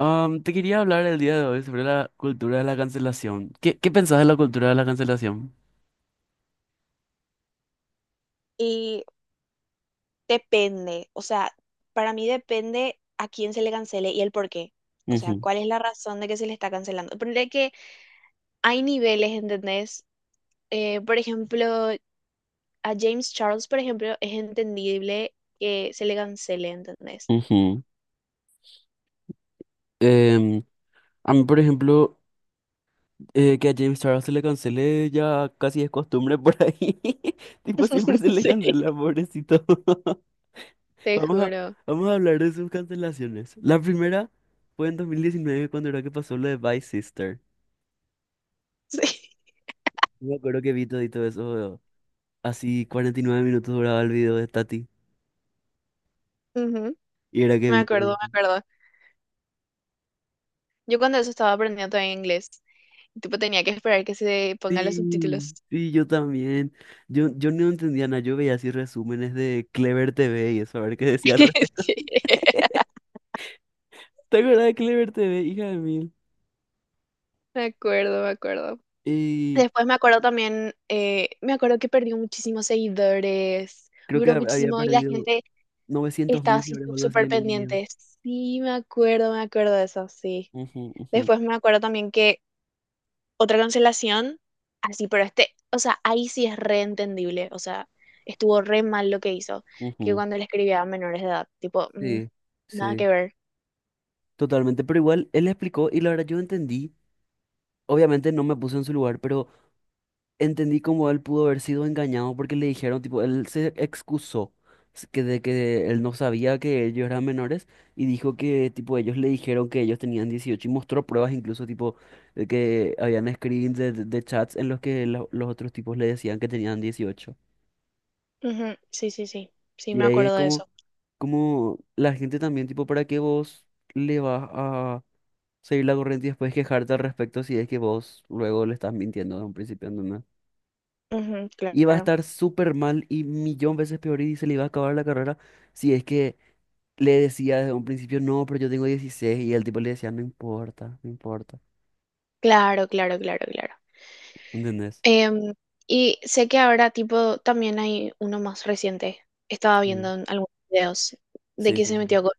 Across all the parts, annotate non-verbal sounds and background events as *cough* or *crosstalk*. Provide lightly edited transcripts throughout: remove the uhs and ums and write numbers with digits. Te quería hablar el día de hoy sobre la cultura de la cancelación. ¿Qué pensás de la cultura de la cancelación? Y depende, o sea, para mí depende a quién se le cancele y el por qué. O sea, Ujú, cuál es la razón de que se le está cancelando. Ponele que hay niveles, ¿entendés? Por ejemplo, a James Charles, por ejemplo, es entendible que se le cancele, ¿entendés? ujú. Em, a mí, por ejemplo, que a James Charles se le cancele ya casi es costumbre por ahí. *laughs* Tipo, siempre se *laughs* le Sí, cancela, pobrecito. *laughs* te Vamos a, juro. vamos a hablar de sus cancelaciones. La primera fue en 2019 cuando era que pasó lo de Vice Sister. Sí. Yo me acuerdo que vi todito eso. Así 49 minutos duraba el video de Tati. Ujú. Y era que Me vi todo. acuerdo, me acuerdo. Yo cuando eso estaba aprendiendo todavía inglés, y tipo tenía que esperar que se pongan los Sí, subtítulos. *laughs* sí, yo también. Yo no entendía nada, yo veía así resúmenes de Clever TV y eso, a ver qué decía al respecto. Sí, *laughs* ¿Te acuerdas de Clever TV, hija de mil? me acuerdo, me acuerdo. Y Después me acuerdo también, me acuerdo que perdió muchísimos seguidores, creo que duró había muchísimo y la perdido gente novecientos estaba mil así libras o algo así súper en un día. pendiente. Sí, me acuerdo de eso, sí. Ujú, ujú, Después me acuerdo también que otra cancelación, así, pero este, o sea, ahí sí es reentendible, o sea, estuvo re mal lo que hizo, que ujú. cuando le escribía a menores de edad, tipo, mm, Sí, nada sí, que ver. totalmente. Pero igual él explicó y la verdad yo entendí. Obviamente no me puse en su lugar, pero entendí cómo él pudo haber sido engañado porque le dijeron, tipo, él se excusó que de que él no sabía que ellos eran menores y dijo que, tipo, ellos le dijeron que ellos tenían 18 y mostró pruebas incluso, tipo, de que habían screens de, de chats en los que los otros tipos le decían que tenían 18. Ujú, sí, sí, sí, sí, Y me ahí es acuerdo de como, eso. como la gente también, tipo, ¿para qué vos le vas a seguir la corriente y después quejarte al respecto si es que vos luego le estás mintiendo desde un principio? No, no Ujú, iba a claro, estar súper mal y millón veces peor y se le iba a acabar la carrera si es que le decía desde un principio, no, pero yo tengo 16 y el tipo le decía, no importa, no importa, claro, claro, claro, claro. ¿entendés? Em, y sé que ahora, tipo, también hay uno más reciente. Estaba Sí. viendo en algunos videos de Sí, que sí, se sí. metió con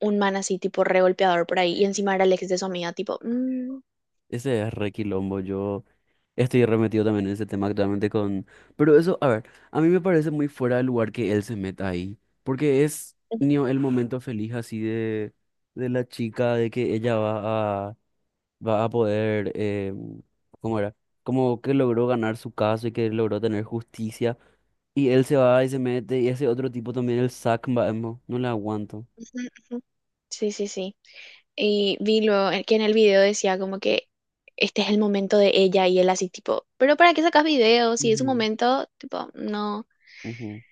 un man así, tipo, re golpeador por ahí. Y encima era el ex de su amiga, tipo, mm, Ese es re quilombo. Yo estoy remetido también en ese tema actualmente con... Pero eso, a ver, a mí me parece muy fuera de lugar que él se meta ahí. Porque es ujú, ni el momento feliz así de, la chica, de que ella va a poder, ¿cómo era? Como que logró ganar su caso y que logró tener justicia. Y él se va y se mete, y ese otro tipo también, el Zack, no, no le aguanto. ujú. Sí, sí, sí. Que en el video decía como que este es el momento de ella y él así, tipo, pero ¿para qué sacas videos? Si es un Ujú. momento, tipo, no. Ujú.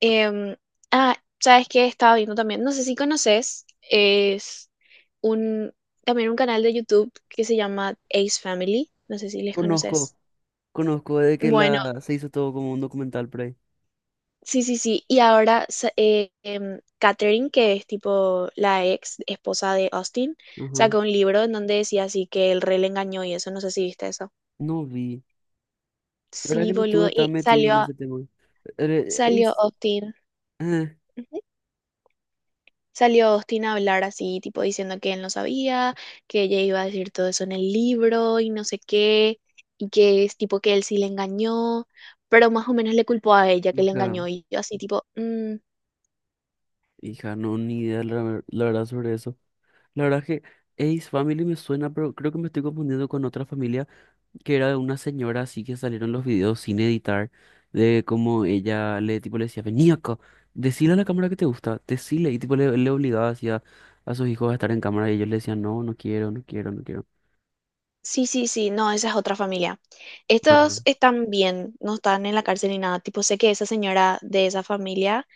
Em, ah, ¿sabes qué? Estaba viendo también, no sé si conoces, es un, también un canal de YouTube que se llama Ace Family, no sé si les Conozco, conoces. conozco de que Bueno, la se hizo todo como un documental por ahí. sí, sí, sí. Y ahora Catherine, que es tipo la ex esposa de Austin, Ajá. sacó un libro en donde decía así que el rey le engañó y eso, no sé si viste eso. No vi. La verdad Sí, que no estuve boludo. tan metido en ese tema. Eh, Salió es- Austin. eh, Salió Austin a hablar así, tipo diciendo que él no sabía, que ella iba a decir todo eso en el libro y no sé qué, y que es tipo que él sí le engañó, pero más o menos le culpó a ella que le hija, engañó y yo así tipo, "Mm, hija, no, ni idea la verdad sobre eso. La verdad que Ace Family me suena, pero creo que me estoy confundiendo con otra familia. Que era de una señora así que salieron los videos sin editar, de cómo ella le, tipo, le decía, vení acá, decile a la cámara que te gusta, decile, y tipo le obligaba así a sus hijos a estar en cámara y ellos le decían, no, no quiero, no quiero, no quiero. sí, sí, sí, no, esa es otra familia. Ah. Estos están bien, no están en la cárcel ni nada, tipo sé que esa señora de esa familia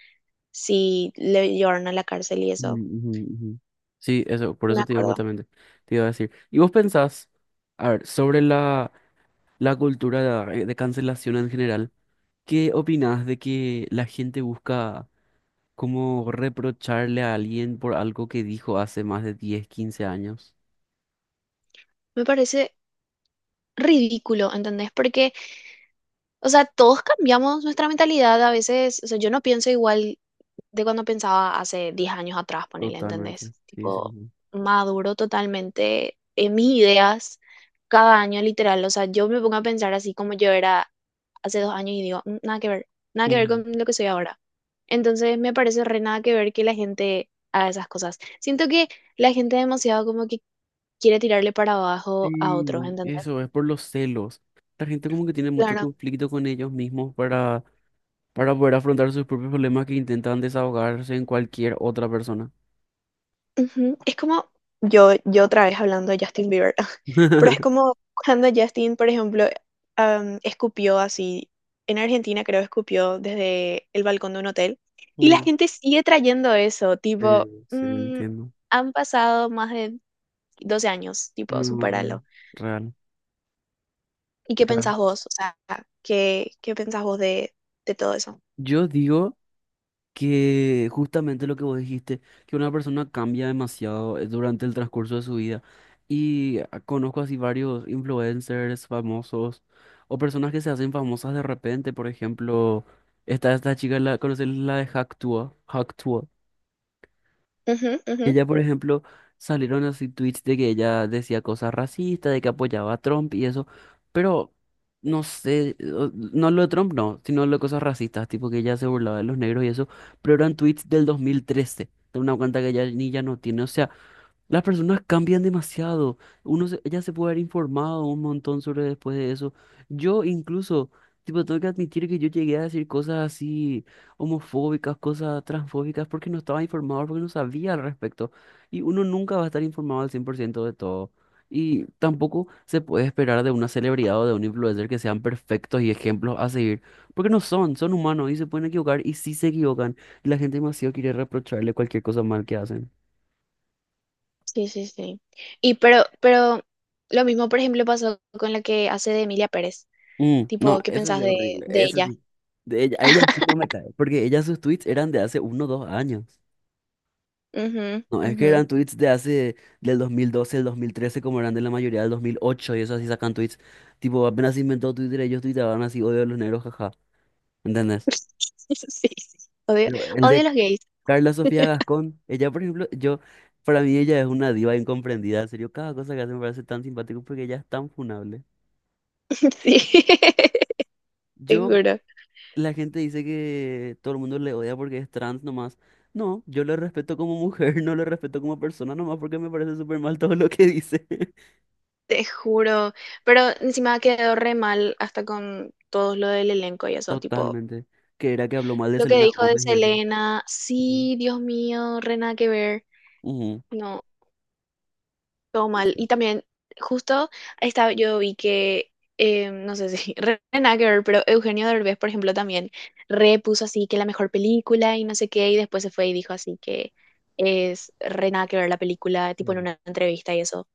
sí le llevaron a la cárcel y eso, Mm, ujú, ujú. Sí, eso, por me eso te digo acuerdo. justamente, te iba a decir. ¿Y vos pensás, a ver, sobre la cultura de, cancelación en general, qué opinás de que la gente busca... Como reprocharle a alguien por algo que dijo hace más de 10, 15 años. Me parece ridículo, ¿entendés? Porque o sea, todos cambiamos nuestra mentalidad a veces. O sea, yo no pienso igual de cuando pensaba hace 10 años atrás, ponele, ¿entendés? Totalmente. Sí, sí, Tipo, sí. maduro totalmente en mis ideas cada año, literal. O sea, yo me pongo a pensar así como yo era hace 2 años y digo, "Mm, nada que ver, nada que ver Ujú. con lo que soy ahora. Entonces, me parece re nada que ver que la gente haga esas cosas. Siento que la gente demasiado como que quiere tirarle para abajo a otros, Sí, ¿entendés? eso es por los celos. La gente como que tiene mucho Claro. conflicto con ellos mismos para poder afrontar sus propios problemas que intentan desahogarse en cualquier otra persona. Ujú, es como, yo otra vez hablando de Justin Bieber, *laughs* pero es *laughs* como cuando Justin, por ejemplo, escupió así, en Argentina creo escupió desde el balcón de un hotel, y la Mm. gente sigue trayendo eso, tipo, Eh, sí, mm, entiendo. han pasado más de 12 años, tipo, No, supéralo. real, real, ¿Y qué real. pensás vos? O sea, ¿qué pensás vos de todo eso? Yo digo... que justamente lo que vos dijiste, que una persona cambia demasiado durante el transcurso de su vida. Y conozco así varios influencers famosos o personas que se hacen famosas de repente. Por ejemplo, está esta chica, ¿conoces la de Hacktua? Ujú, ujú. Ella, por ejemplo, salieron así tweets de que ella decía cosas racistas, de que apoyaba a Trump y eso, pero no sé, no lo de Trump, no, sino lo de cosas racistas, tipo que ella se burlaba de los negros y eso, pero eran tweets del 2013, de una cuenta que ella ni ya no tiene, o sea, las personas cambian demasiado. Ella se puede haber informado un montón sobre después de eso. Yo incluso, tipo, tengo que admitir que yo llegué a decir cosas así homofóbicas, cosas transfóbicas, porque no estaba informado, porque no sabía al respecto. Y uno nunca va a estar informado al 100% de todo. Y tampoco se puede esperar de una celebridad o de un influencer que sean perfectos y ejemplos a seguir, porque no son, son humanos y se pueden equivocar y sí se equivocan. Y la gente demasiado quiere reprocharle cualquier cosa mal que hacen. Sí, sí, sí. Pero lo mismo, por ejemplo, pasó con la que hace de Emilia Pérez. Mm, no, Tipo, ¿qué eso pensás sí es horrible, de eso ella? sí. De ella, a ella sí no me cae, porque ella sus tweets eran de hace 1 o 2 años. Ujú, No, es que ujú. eran tweets de hace, del 2012, el 2013 como eran de la mayoría del 2008 y eso así sacan tweets. Tipo, apenas se inventó Twitter, ellos tuiteaban así, odio a los negros, jaja, ¿entendés? *laughs* Sí, sí. Odio, Pero el odio a de los gays. Carla Sofía Gascón, ella, por ejemplo, yo, para mí ella es una diva incomprendida, en serio, cada cosa que hace me parece tan simpático porque ella es tan funable. *laughs* Sí, te Yo juro, La gente dice que todo el mundo le odia porque es trans nomás. No, yo le respeto como mujer, *laughs* no le respeto como persona nomás porque me parece súper mal todo lo que dice. *laughs* te juro. Pero encima quedó re mal hasta con todo lo del elenco y eso, tipo, Totalmente. Que era que habló mal de lo que Selena dijo de Gómez y eso. Selena, Ujú. sí, Dios mío, re nada que ver. Ujú. No. Todo No mal. sé. Y también, justo yo vi que, no sé si, *laughs* re nada que ver, pero Eugenio Derbez, por ejemplo, también repuso así que la mejor película y no sé qué, y después se fue y dijo así que es re nada que ver la película, tipo en Sí. una entrevista y eso.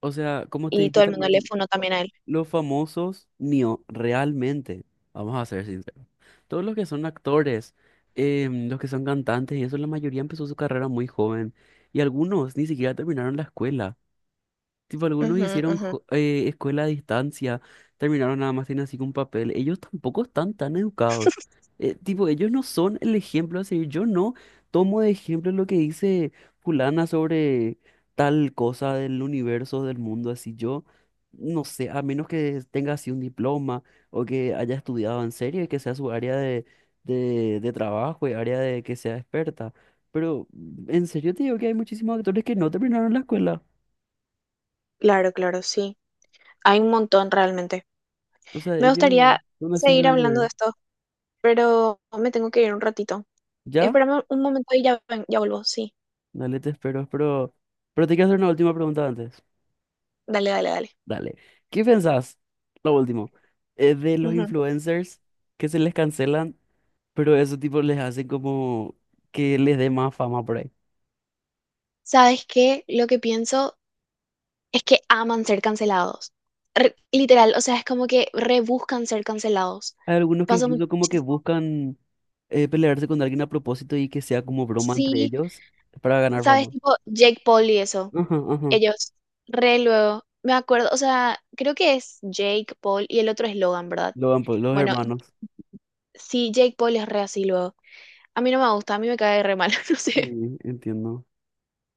O sea, como te Y dije todo el mundo le también, funó también a él. los famosos, no, realmente, vamos a ser sinceros, todos los que son actores, los que son cantantes y eso, la mayoría empezó su carrera muy joven y algunos ni siquiera terminaron la escuela. Tipo, algunos Ujú, hicieron ujú. Escuela a distancia, terminaron nada más tienen así con papel. Ellos tampoco están tan educados. Tipo, ellos no son el ejemplo a seguir. Yo no tomo de ejemplo lo que dice fulana sobre tal cosa del universo, del mundo, así yo. No sé, a menos que tenga así un diploma o que haya estudiado en serio y que sea su área de, de trabajo y área de que sea experta. Pero en serio te digo que hay muchísimos actores que no terminaron la escuela. Claro, claro, sí. Hay un montón realmente. O sea, Me ellos gustaría son así seguir nada que hablando ver. de esto, pero me tengo que ir un ratito. ¿Ya? Espérame un momento y ya, ya vuelvo. Sí, Dale, te espero, pero... Pero te quiero hacer una última pregunta antes. dale, dale, dale. Dale. ¿Qué pensás, lo último, de los Ujú. influencers que se les cancelan, pero eso tipo les hace como que les dé más fama por ahí? ¿Sabes qué? Lo que pienso es que aman ser cancelados. Literal, o sea, es como que rebuscan ser cancelados. Hay algunos que Pasa incluso como que muchísimo. buscan pelearse con alguien a propósito y que sea como broma entre Sí, ellos para ganar ¿sabes? fama. Tipo Jake Paul y eso. Ajá, ajá. Ellos, re luego. Me acuerdo, o sea, creo que es Jake Paul y el otro es Logan, ¿verdad? Logan Paul, los Bueno, y- hermanos. sí, Jake Paul es re así luego. A mí no me gusta, a mí me cae re mal, *laughs* no sé. Sí, entiendo.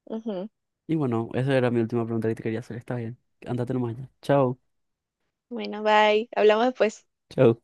Ujú. Y bueno, esa era mi última pregunta que te quería hacer. Está bien. Andate nomás ya. Chao. Bueno, bye. Hablamos después. Chao.